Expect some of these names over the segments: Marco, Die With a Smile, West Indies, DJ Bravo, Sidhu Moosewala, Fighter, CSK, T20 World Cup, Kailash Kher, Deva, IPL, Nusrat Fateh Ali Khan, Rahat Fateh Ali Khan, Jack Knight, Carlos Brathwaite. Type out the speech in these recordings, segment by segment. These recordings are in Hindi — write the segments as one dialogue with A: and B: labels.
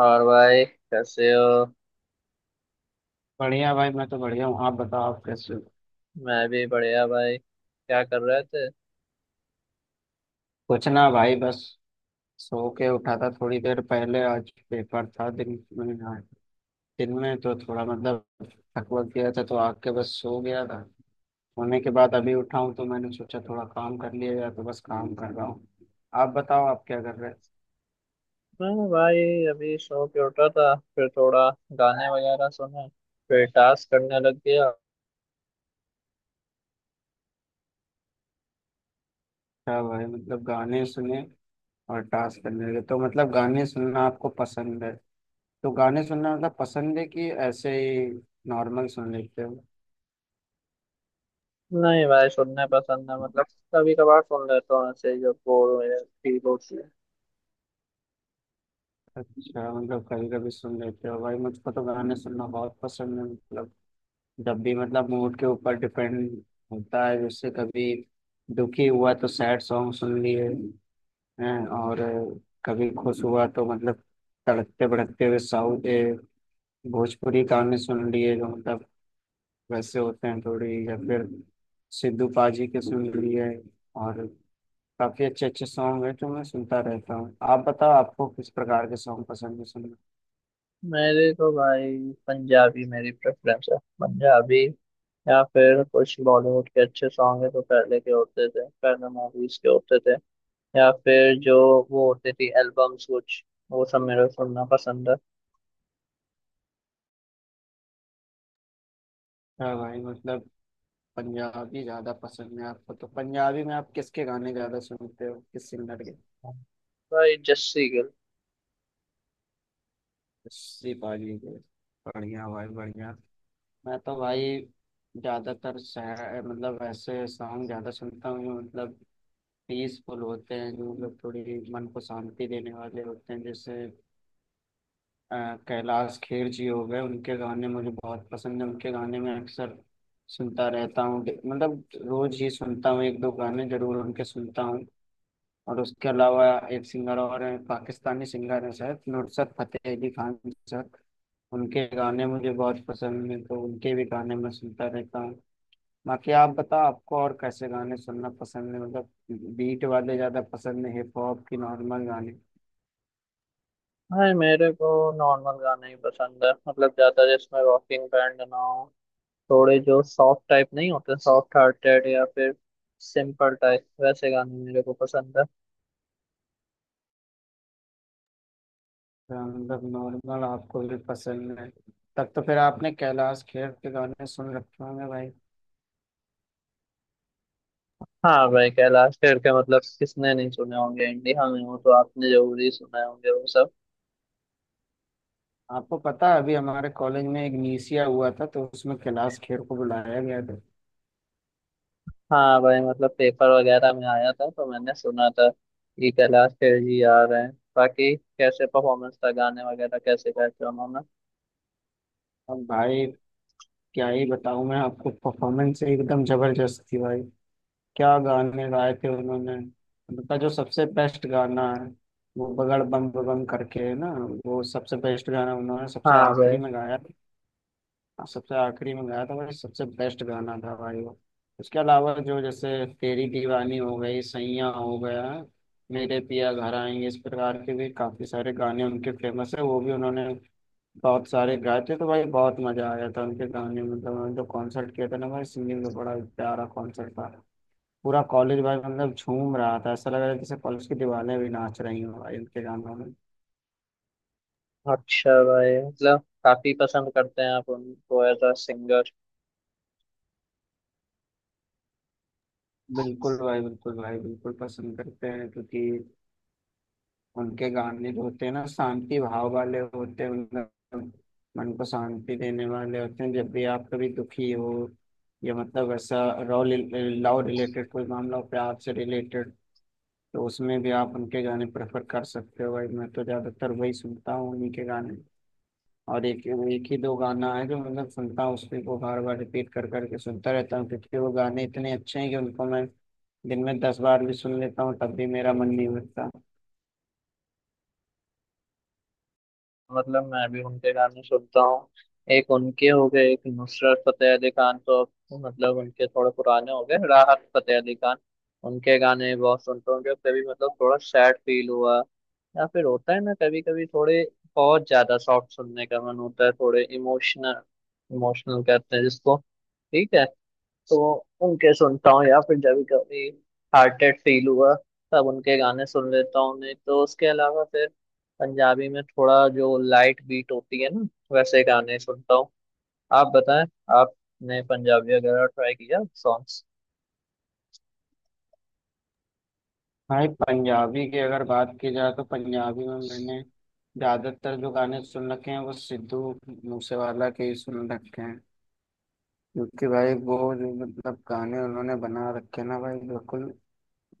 A: और भाई कैसे हो।
B: बढ़िया भाई, मैं तो बढ़िया हूँ। आप बताओ, आप कैसे हो?
A: मैं भी बढ़िया भाई, क्या कर रहे थे।
B: कुछ ना भाई, बस सो के उठा था थोड़ी देर पहले, आज पेपर था दिन में। हाँ, दिन में तो थोड़ा मतलब थक वक गया था तो आग के बस सो गया था। सोने के बाद अभी उठा हूँ तो मैंने सोचा थोड़ा काम कर लिया जाए, तो बस काम कर रहा हूँ। आप बताओ आप क्या कर रहे हैं।
A: मैं भाई अभी सो के उठा था, फिर थोड़ा गाने वगैरह सुने, फिर टास्क करने लग गया।
B: अच्छा भाई, मतलब गाने सुने और टास्क करने लगे, तो मतलब गाने सुनना आपको पसंद है? तो गाने सुनना मतलब पसंद है कि ऐसे ही नॉर्मल सुन लेते हो?
A: नहीं भाई, सुनने पसंद है, मतलब कभी कभार सुन लेता हूँ ऐसे जब बोर हो या फ्री होती है।
B: अच्छा, मतलब कभी कभी सुन लेते हो। भाई मुझको तो गाने सुनना बहुत पसंद है, मतलब जब भी मतलब मूड के ऊपर डिपेंड होता है। जैसे कभी दुखी हुआ तो सैड सॉन्ग सुन लिए हैं, और कभी खुश हुआ तो मतलब तड़कते भड़कते हुए साउथ भोजपुरी गाने सुन लिए, जो मतलब वैसे होते हैं थोड़ी, या फिर सिद्धू पाजी के सुन लिए। और काफी अच्छे अच्छे सॉन्ग है जो मैं सुनता रहता हूँ। आप बताओ आपको किस प्रकार के सॉन्ग पसंद है सुनना।
A: मेरे तो भाई पंजाबी मेरी प्रेफरेंस है, पंजाबी या फिर कुछ बॉलीवुड के अच्छे सॉन्ग है तो पहले के होते थे, पहले मूवीज के होते थे, या फिर जो वो होते थे एल्बम्स, कुछ वो सब मेरे को सुनना पसंद है।
B: हाँ भाई, मतलब पंजाबी ज्यादा पसंद है आपको। तो पंजाबी में आप किसके गाने ज्यादा सुनते हो, किस सिंगर के?
A: भाई जस्सी गिल।
B: उसी पाजी के? बढ़िया भाई, बढ़िया। मैं तो भाई ज्यादातर मतलब ऐसे सॉन्ग ज्यादा सुनता हूँ जो मतलब पीसफुल होते हैं, जो मतलब थोड़ी मन को शांति देने वाले होते हैं। जैसे अ, कैलाश खेर जी हो गए, उनके गाने मुझे बहुत पसंद है। उनके गाने में अक्सर सुनता रहता हूँ, मतलब रोज ही सुनता हूँ, एक दो गाने जरूर उनके सुनता हूँ। और उसके अलावा एक सिंगर और हैं, पाकिस्तानी सिंगर हैं शायद, नुसरत फतेह अली खान सर। उनके गाने मुझे बहुत पसंद हैं, तो उनके भी गाने मैं सुनता रहता हूँ। बाकी आप बताओ आपको और कैसे गाने सुनना पसंद है, मतलब बीट वाले ज़्यादा पसंद है, हिप हॉप की नॉर्मल गाने?
A: भाई मेरे को नॉर्मल गाने ही पसंद है, मतलब ज्यादा जिसमें रॉकिंग बैंड ना हो। थोड़े जो सॉफ्ट टाइप नहीं होते, सॉफ्ट हार्टेड या फिर सिंपल टाइप, वैसे गाने मेरे को पसंद है।
B: तो मतलब नॉर्मल आपको भी पसंद है। तब तो फिर आपने कैलाश खेर के गाने सुन रखे होंगे भाई।
A: हाँ भाई, कैलाश खेर के मतलब किसने नहीं सुने होंगे, इंडिया में हो तो आपने जरूर ही सुने होंगे वो सब।
B: आपको पता है अभी हमारे कॉलेज में एक नीसिया हुआ था, तो उसमें कैलाश खेर को बुलाया गया था।
A: हाँ भाई, मतलब पेपर वगैरह में आया था तो मैंने सुना था कि कैलाश खेर जी आ रहे हैं। बाकी कैसे परफॉर्मेंस था, गाने वगैरह कैसे गाए थे उन्होंने।
B: अब भाई क्या ही बताऊं मैं आपको, परफॉर्मेंस एकदम जबरदस्त थी भाई। क्या गाने गाए थे उन्होंने। उनका जो सबसे बेस्ट गाना है, वो बगड़ बम बम करके है ना, वो सबसे बेस्ट गाना उन्होंने सबसे
A: हाँ भाई।
B: आखिरी में गाया था। हाँ, सबसे आखिरी में गाया था भाई, सबसे बेस्ट गाना था भाई वो। उसके अलावा जो, जैसे तेरी दीवानी हो गई, सैयां हो गया, मेरे पिया घर आएंगे, इस प्रकार के भी काफी सारे गाने उनके फेमस है, वो भी उन्होंने बहुत सारे गाए थे। तो भाई बहुत मजा आया था उनके गाने में। मतलब उन्होंने जो कॉन्सर्ट किया था ना भाई, सिंगिंग में बड़ा प्यारा कॉन्सर्ट था। पूरा कॉलेज भाई मतलब झूम रहा था, ऐसा लग रहा था जैसे कॉलेज की दीवारें भी नाच रही हों भाई उनके गानों में।
A: अच्छा भाई, मतलब काफी पसंद करते हैं आप उनको एज अ सिंगर।
B: बिल्कुल भाई, बिल्कुल भाई, बिल्कुल पसंद करते हैं, क्योंकि उनके गाने जो होते हैं ना शांति भाव वाले होते हैं, मतलब मन को शांति देने वाले होते हैं। जब भी आप कभी दुखी हो, या मतलब ऐसा रॉ लव रिलेटेड कोई मामला हो, प्यार से रिलेटेड, तो उसमें भी आप उनके गाने प्रेफर कर सकते हो। भाई मैं तो ज़्यादातर वही सुनता हूँ, उन्हीं के गाने। और एक एक ही दो गाना है जो मतलब सुनता हूँ, उसको को बार बार रिपीट कर करके सुनता रहता हूँ, क्योंकि वो गाने इतने अच्छे हैं कि उनको मैं दिन में 10 बार भी सुन लेता हूँ, तब भी मेरा मन नहीं भरता।
A: मतलब मैं भी उनके गाने सुनता हूँ। एक उनके हो गए, एक नुसरत फतेह अली खान, तो अब मतलब उनके थोड़े पुराने हो गए, राहत फतेह अली खान, उनके गाने बहुत सुनता हूँ जब कभी मतलब थोड़ा सैड फील हुआ या फिर होता है ना कभी कभी, थोड़े बहुत ज्यादा सॉफ्ट सुनने का मन होता है, थोड़े इमोशनल, इमोशनल कहते हैं जिसको। ठीक है। तो उनके सुनता हूँ, या फिर जब भी कभी हार्टेड फील हुआ तब उनके गाने सुन लेता हूँ। नहीं तो उसके अलावा फिर पंजाबी में थोड़ा जो लाइट बीट होती है ना, वैसे गाने सुनता हूँ। आप बताएं, आपने पंजाबी वगैरह ट्राई किया सॉन्ग्स।
B: भाई पंजाबी की अगर बात की जाए तो पंजाबी में मैंने ज़्यादातर जो गाने सुन रखे हैं वो सिद्धू मूसेवाला के ही सुन रखे हैं, क्योंकि भाई वो जो मतलब गाने उन्होंने बना रखे हैं ना भाई, बिल्कुल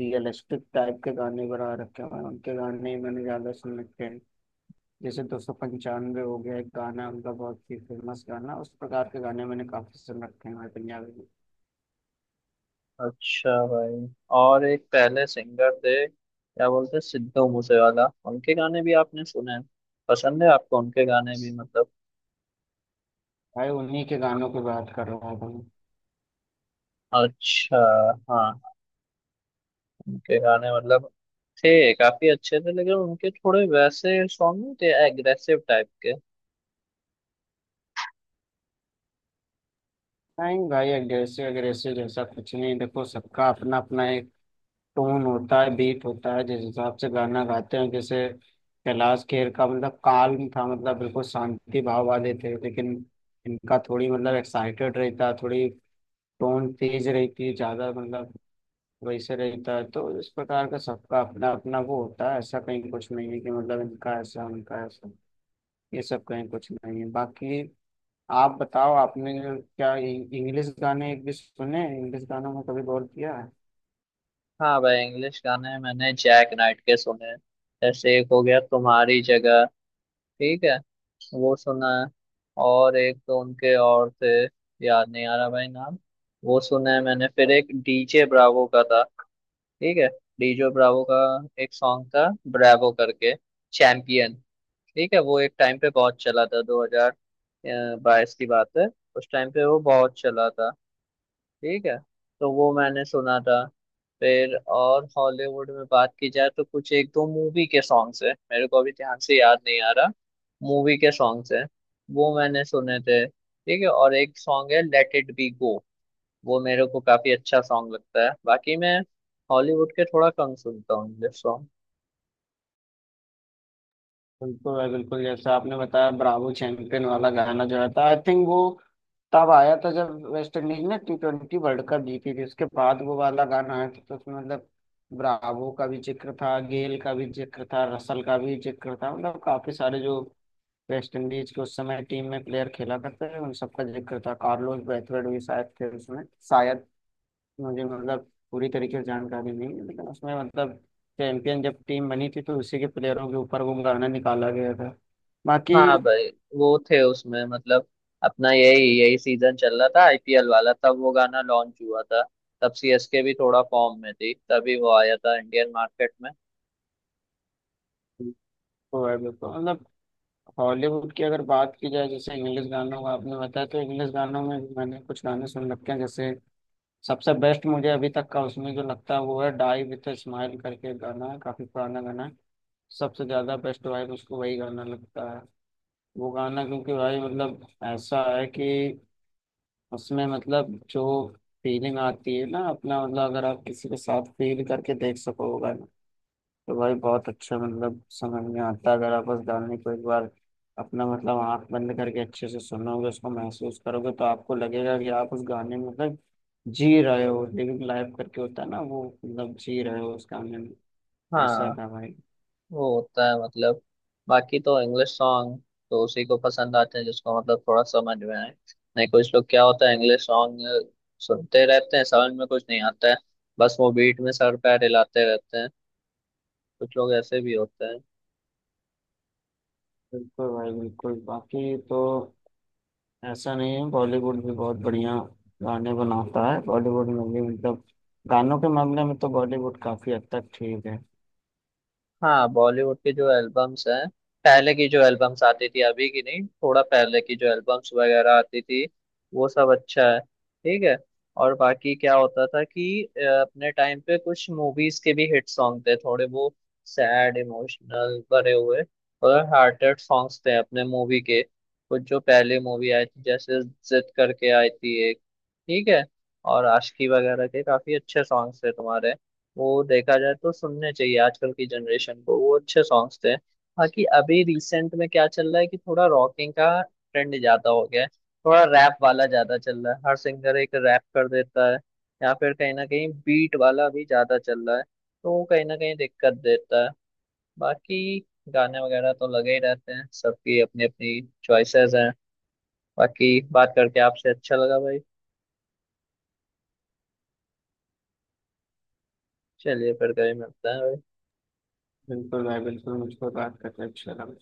B: रियलिस्टिक टाइप के गाने बना रखे हैं। उनके गाने ही मैंने ज़्यादा सुन रखे हैं। जैसे 295 हो गया, एक गाना है उनका बहुत ही फेमस गाना, उस प्रकार के गाने मैंने काफ़ी सुन रखे हैं भाई पंजाबी में।
A: अच्छा भाई। और एक पहले सिंगर थे, क्या बोलते हैं, सिद्धू मूसेवाला, उनके गाने भी आपने सुने हैं, पसंद है आपको उनके गाने भी मतलब।
B: भाई उन्हीं के गानों की बात कर रहा हूँ।
A: अच्छा। हाँ। उनके गाने मतलब थे, काफी अच्छे थे, लेकिन उनके थोड़े वैसे सॉन्ग नहीं थे एग्रेसिव टाइप के।
B: नहीं भाई, अग्रेसिव अग्रेसिव जैसा कुछ नहीं, देखो सबका अपना अपना एक टोन होता है, बीट होता है जिस हिसाब से गाना गाते हैं। जैसे कैलाश खेर का मतलब काल्म था, मतलब बिल्कुल शांति भाव वाले थे, लेकिन इनका थोड़ी मतलब एक्साइटेड रहता थोड़ी, टोन तेज रहती है ज्यादा, मतलब वैसे रहता है। तो इस प्रकार का सबका अपना अपना वो होता है, ऐसा कहीं कुछ नहीं है कि मतलब इनका ऐसा उनका ऐसा, ये सब कहीं कुछ नहीं है। बाकी आप बताओ आपने क्या इंग्लिश गाने एक भी सुने, इंग्लिश गानों में कभी गौर किया है?
A: हाँ भाई, इंग्लिश गाने मैंने जैक नाइट के सुने हैं। जैसे एक हो गया तुम्हारी जगह, ठीक है, वो सुना है। और एक तो उनके और थे, याद नहीं आ रहा भाई नाम, वो सुना है मैंने। फिर एक डीजे ब्रावो का था, ठीक है, डीजे ब्रावो का एक सॉन्ग था, ब्रावो करके, चैंपियन, ठीक है। वो एक टाइम पे बहुत चला था, 2022 की बात है, उस टाइम पे वो बहुत चला था, ठीक है, तो वो मैंने सुना था। फिर और हॉलीवुड में बात की जाए तो कुछ एक दो मूवी के सॉन्ग्स है, मेरे को अभी ध्यान से याद नहीं आ रहा, मूवी के सॉन्ग्स है, वो मैंने सुने थे, ठीक है। और एक सॉन्ग है लेट इट बी गो, वो मेरे को काफी अच्छा सॉन्ग लगता है। बाकी मैं हॉलीवुड के थोड़ा कम सुनता हूँ इंग्लिश सॉन्ग।
B: बिल्कुल है, बिल्कुल, जैसा आपने बताया ब्रावो चैंपियन वाला गाना जो है था, आई थिंक वो तब आया था जब वेस्ट इंडीज ने T20 वर्ल्ड कप जीती थी, उसके बाद वो वाला गाना आया था। तो उसमें मतलब ब्रावो का भी जिक्र था, गेल का भी जिक्र था, रसल का भी जिक्र था, मतलब काफी सारे जो वेस्ट इंडीज के उस समय टीम में प्लेयर खेला करते थे उन सबका जिक्र था। कार्लोस ब्रैथवेट भी शायद थे उसमें, शायद। मुझे मतलब पूरी तरीके से जानकारी नहीं है, लेकिन उसमें मतलब चैंपियन जब टीम बनी थी तो उसी के प्लेयरों के ऊपर वो गाना निकाला गया था। बाकी
A: हाँ भाई, वो थे उसमें, मतलब अपना यही यही सीजन चल रहा था आईपीएल वाला, तब वो गाना लॉन्च हुआ था, तब सीएसके भी थोड़ा फॉर्म में थी, तभी वो आया था इंडियन मार्केट में।
B: तो है बिल्कुल। मतलब हॉलीवुड की अगर बात की जाए, जैसे इंग्लिश गानों का आपने बताया, तो इंग्लिश गानों में भी मैंने कुछ गाने सुन रखे हैं। जैसे सबसे बेस्ट मुझे अभी तक का उसमें जो लगता है वो है डाई विथ स्माइल करके एक गाना है, काफी पुराना गाना है। सबसे ज्यादा बेस्ट वाइब उसको वही गाना लगता है, वो गाना, क्योंकि भाई मतलब ऐसा है कि उसमें मतलब जो फीलिंग आती है ना, अपना मतलब अगर आप किसी के साथ फील करके देख सको, तो भाई बहुत अच्छा मतलब समझ में आता है। अगर आप बस गाने को एक बार अपना मतलब आंख बंद करके अच्छे से सुनोगे, उसको महसूस करोगे, तो आपको लगेगा कि आप उस गाने में मतलब जी रहे हो, लिविंग लाइफ करके होता है ना वो, मतलब जी रहे हो उस गाने में। ऐसा
A: हाँ,
B: था भाई।
A: वो होता है मतलब। बाकी तो इंग्लिश सॉन्ग तो उसी को पसंद आते हैं जिसको मतलब थोड़ा समझ में आए। नहीं, कुछ लोग क्या होता है, इंग्लिश सॉन्ग सुनते रहते हैं, समझ में कुछ नहीं आता है, बस वो बीट में सर पैर हिलाते रहते हैं, कुछ लोग ऐसे भी होते हैं।
B: बिल्कुल भाई, बिल्कुल, बाकी तो ऐसा नहीं है, बॉलीवुड भी बहुत बढ़िया गाने बनाता है। बॉलीवुड में भी मतलब गानों के मामले में तो बॉलीवुड काफी हद तक ठीक है।
A: हाँ, बॉलीवुड की जो एल्बम्स हैं, पहले की जो एल्बम्स आती थी, अभी की नहीं, थोड़ा पहले की जो एल्बम्स वगैरह आती थी, वो सब अच्छा है, ठीक है। और बाकी क्या होता था कि अपने टाइम पे कुछ मूवीज के भी हिट सॉन्ग थे, थोड़े वो सैड, इमोशनल भरे हुए और हार्टेड सॉन्ग्स थे अपने मूवी के, कुछ जो पहले मूवी आई थी जैसे जिद करके आई थी एक, ठीक है, और आशिकी वगैरह के काफी अच्छे सॉन्ग्स थे तुम्हारे, वो देखा जाए तो सुनने चाहिए आजकल की जनरेशन को, वो अच्छे सॉन्ग्स थे। बाकी अभी रिसेंट में क्या चल रहा है कि थोड़ा रॉकिंग का ट्रेंड ज्यादा हो गया है, थोड़ा रैप वाला ज्यादा चल रहा है, हर सिंगर एक रैप कर देता है, या फिर कहीं ना कहीं बीट वाला भी ज्यादा चल रहा है, तो वो कहीं ना कहीं दिक्कत देता है। बाकी गाने वगैरह तो लगे ही रहते हैं, सबकी अपनी अपनी चॉइसेस हैं। बाकी बात करके आपसे अच्छा लगा भाई, चलिए फिर कभी मिलते हैं भाई।
B: बिल्कुल भाई, बिल्कुल, मुझको बात करके अच्छा लगा।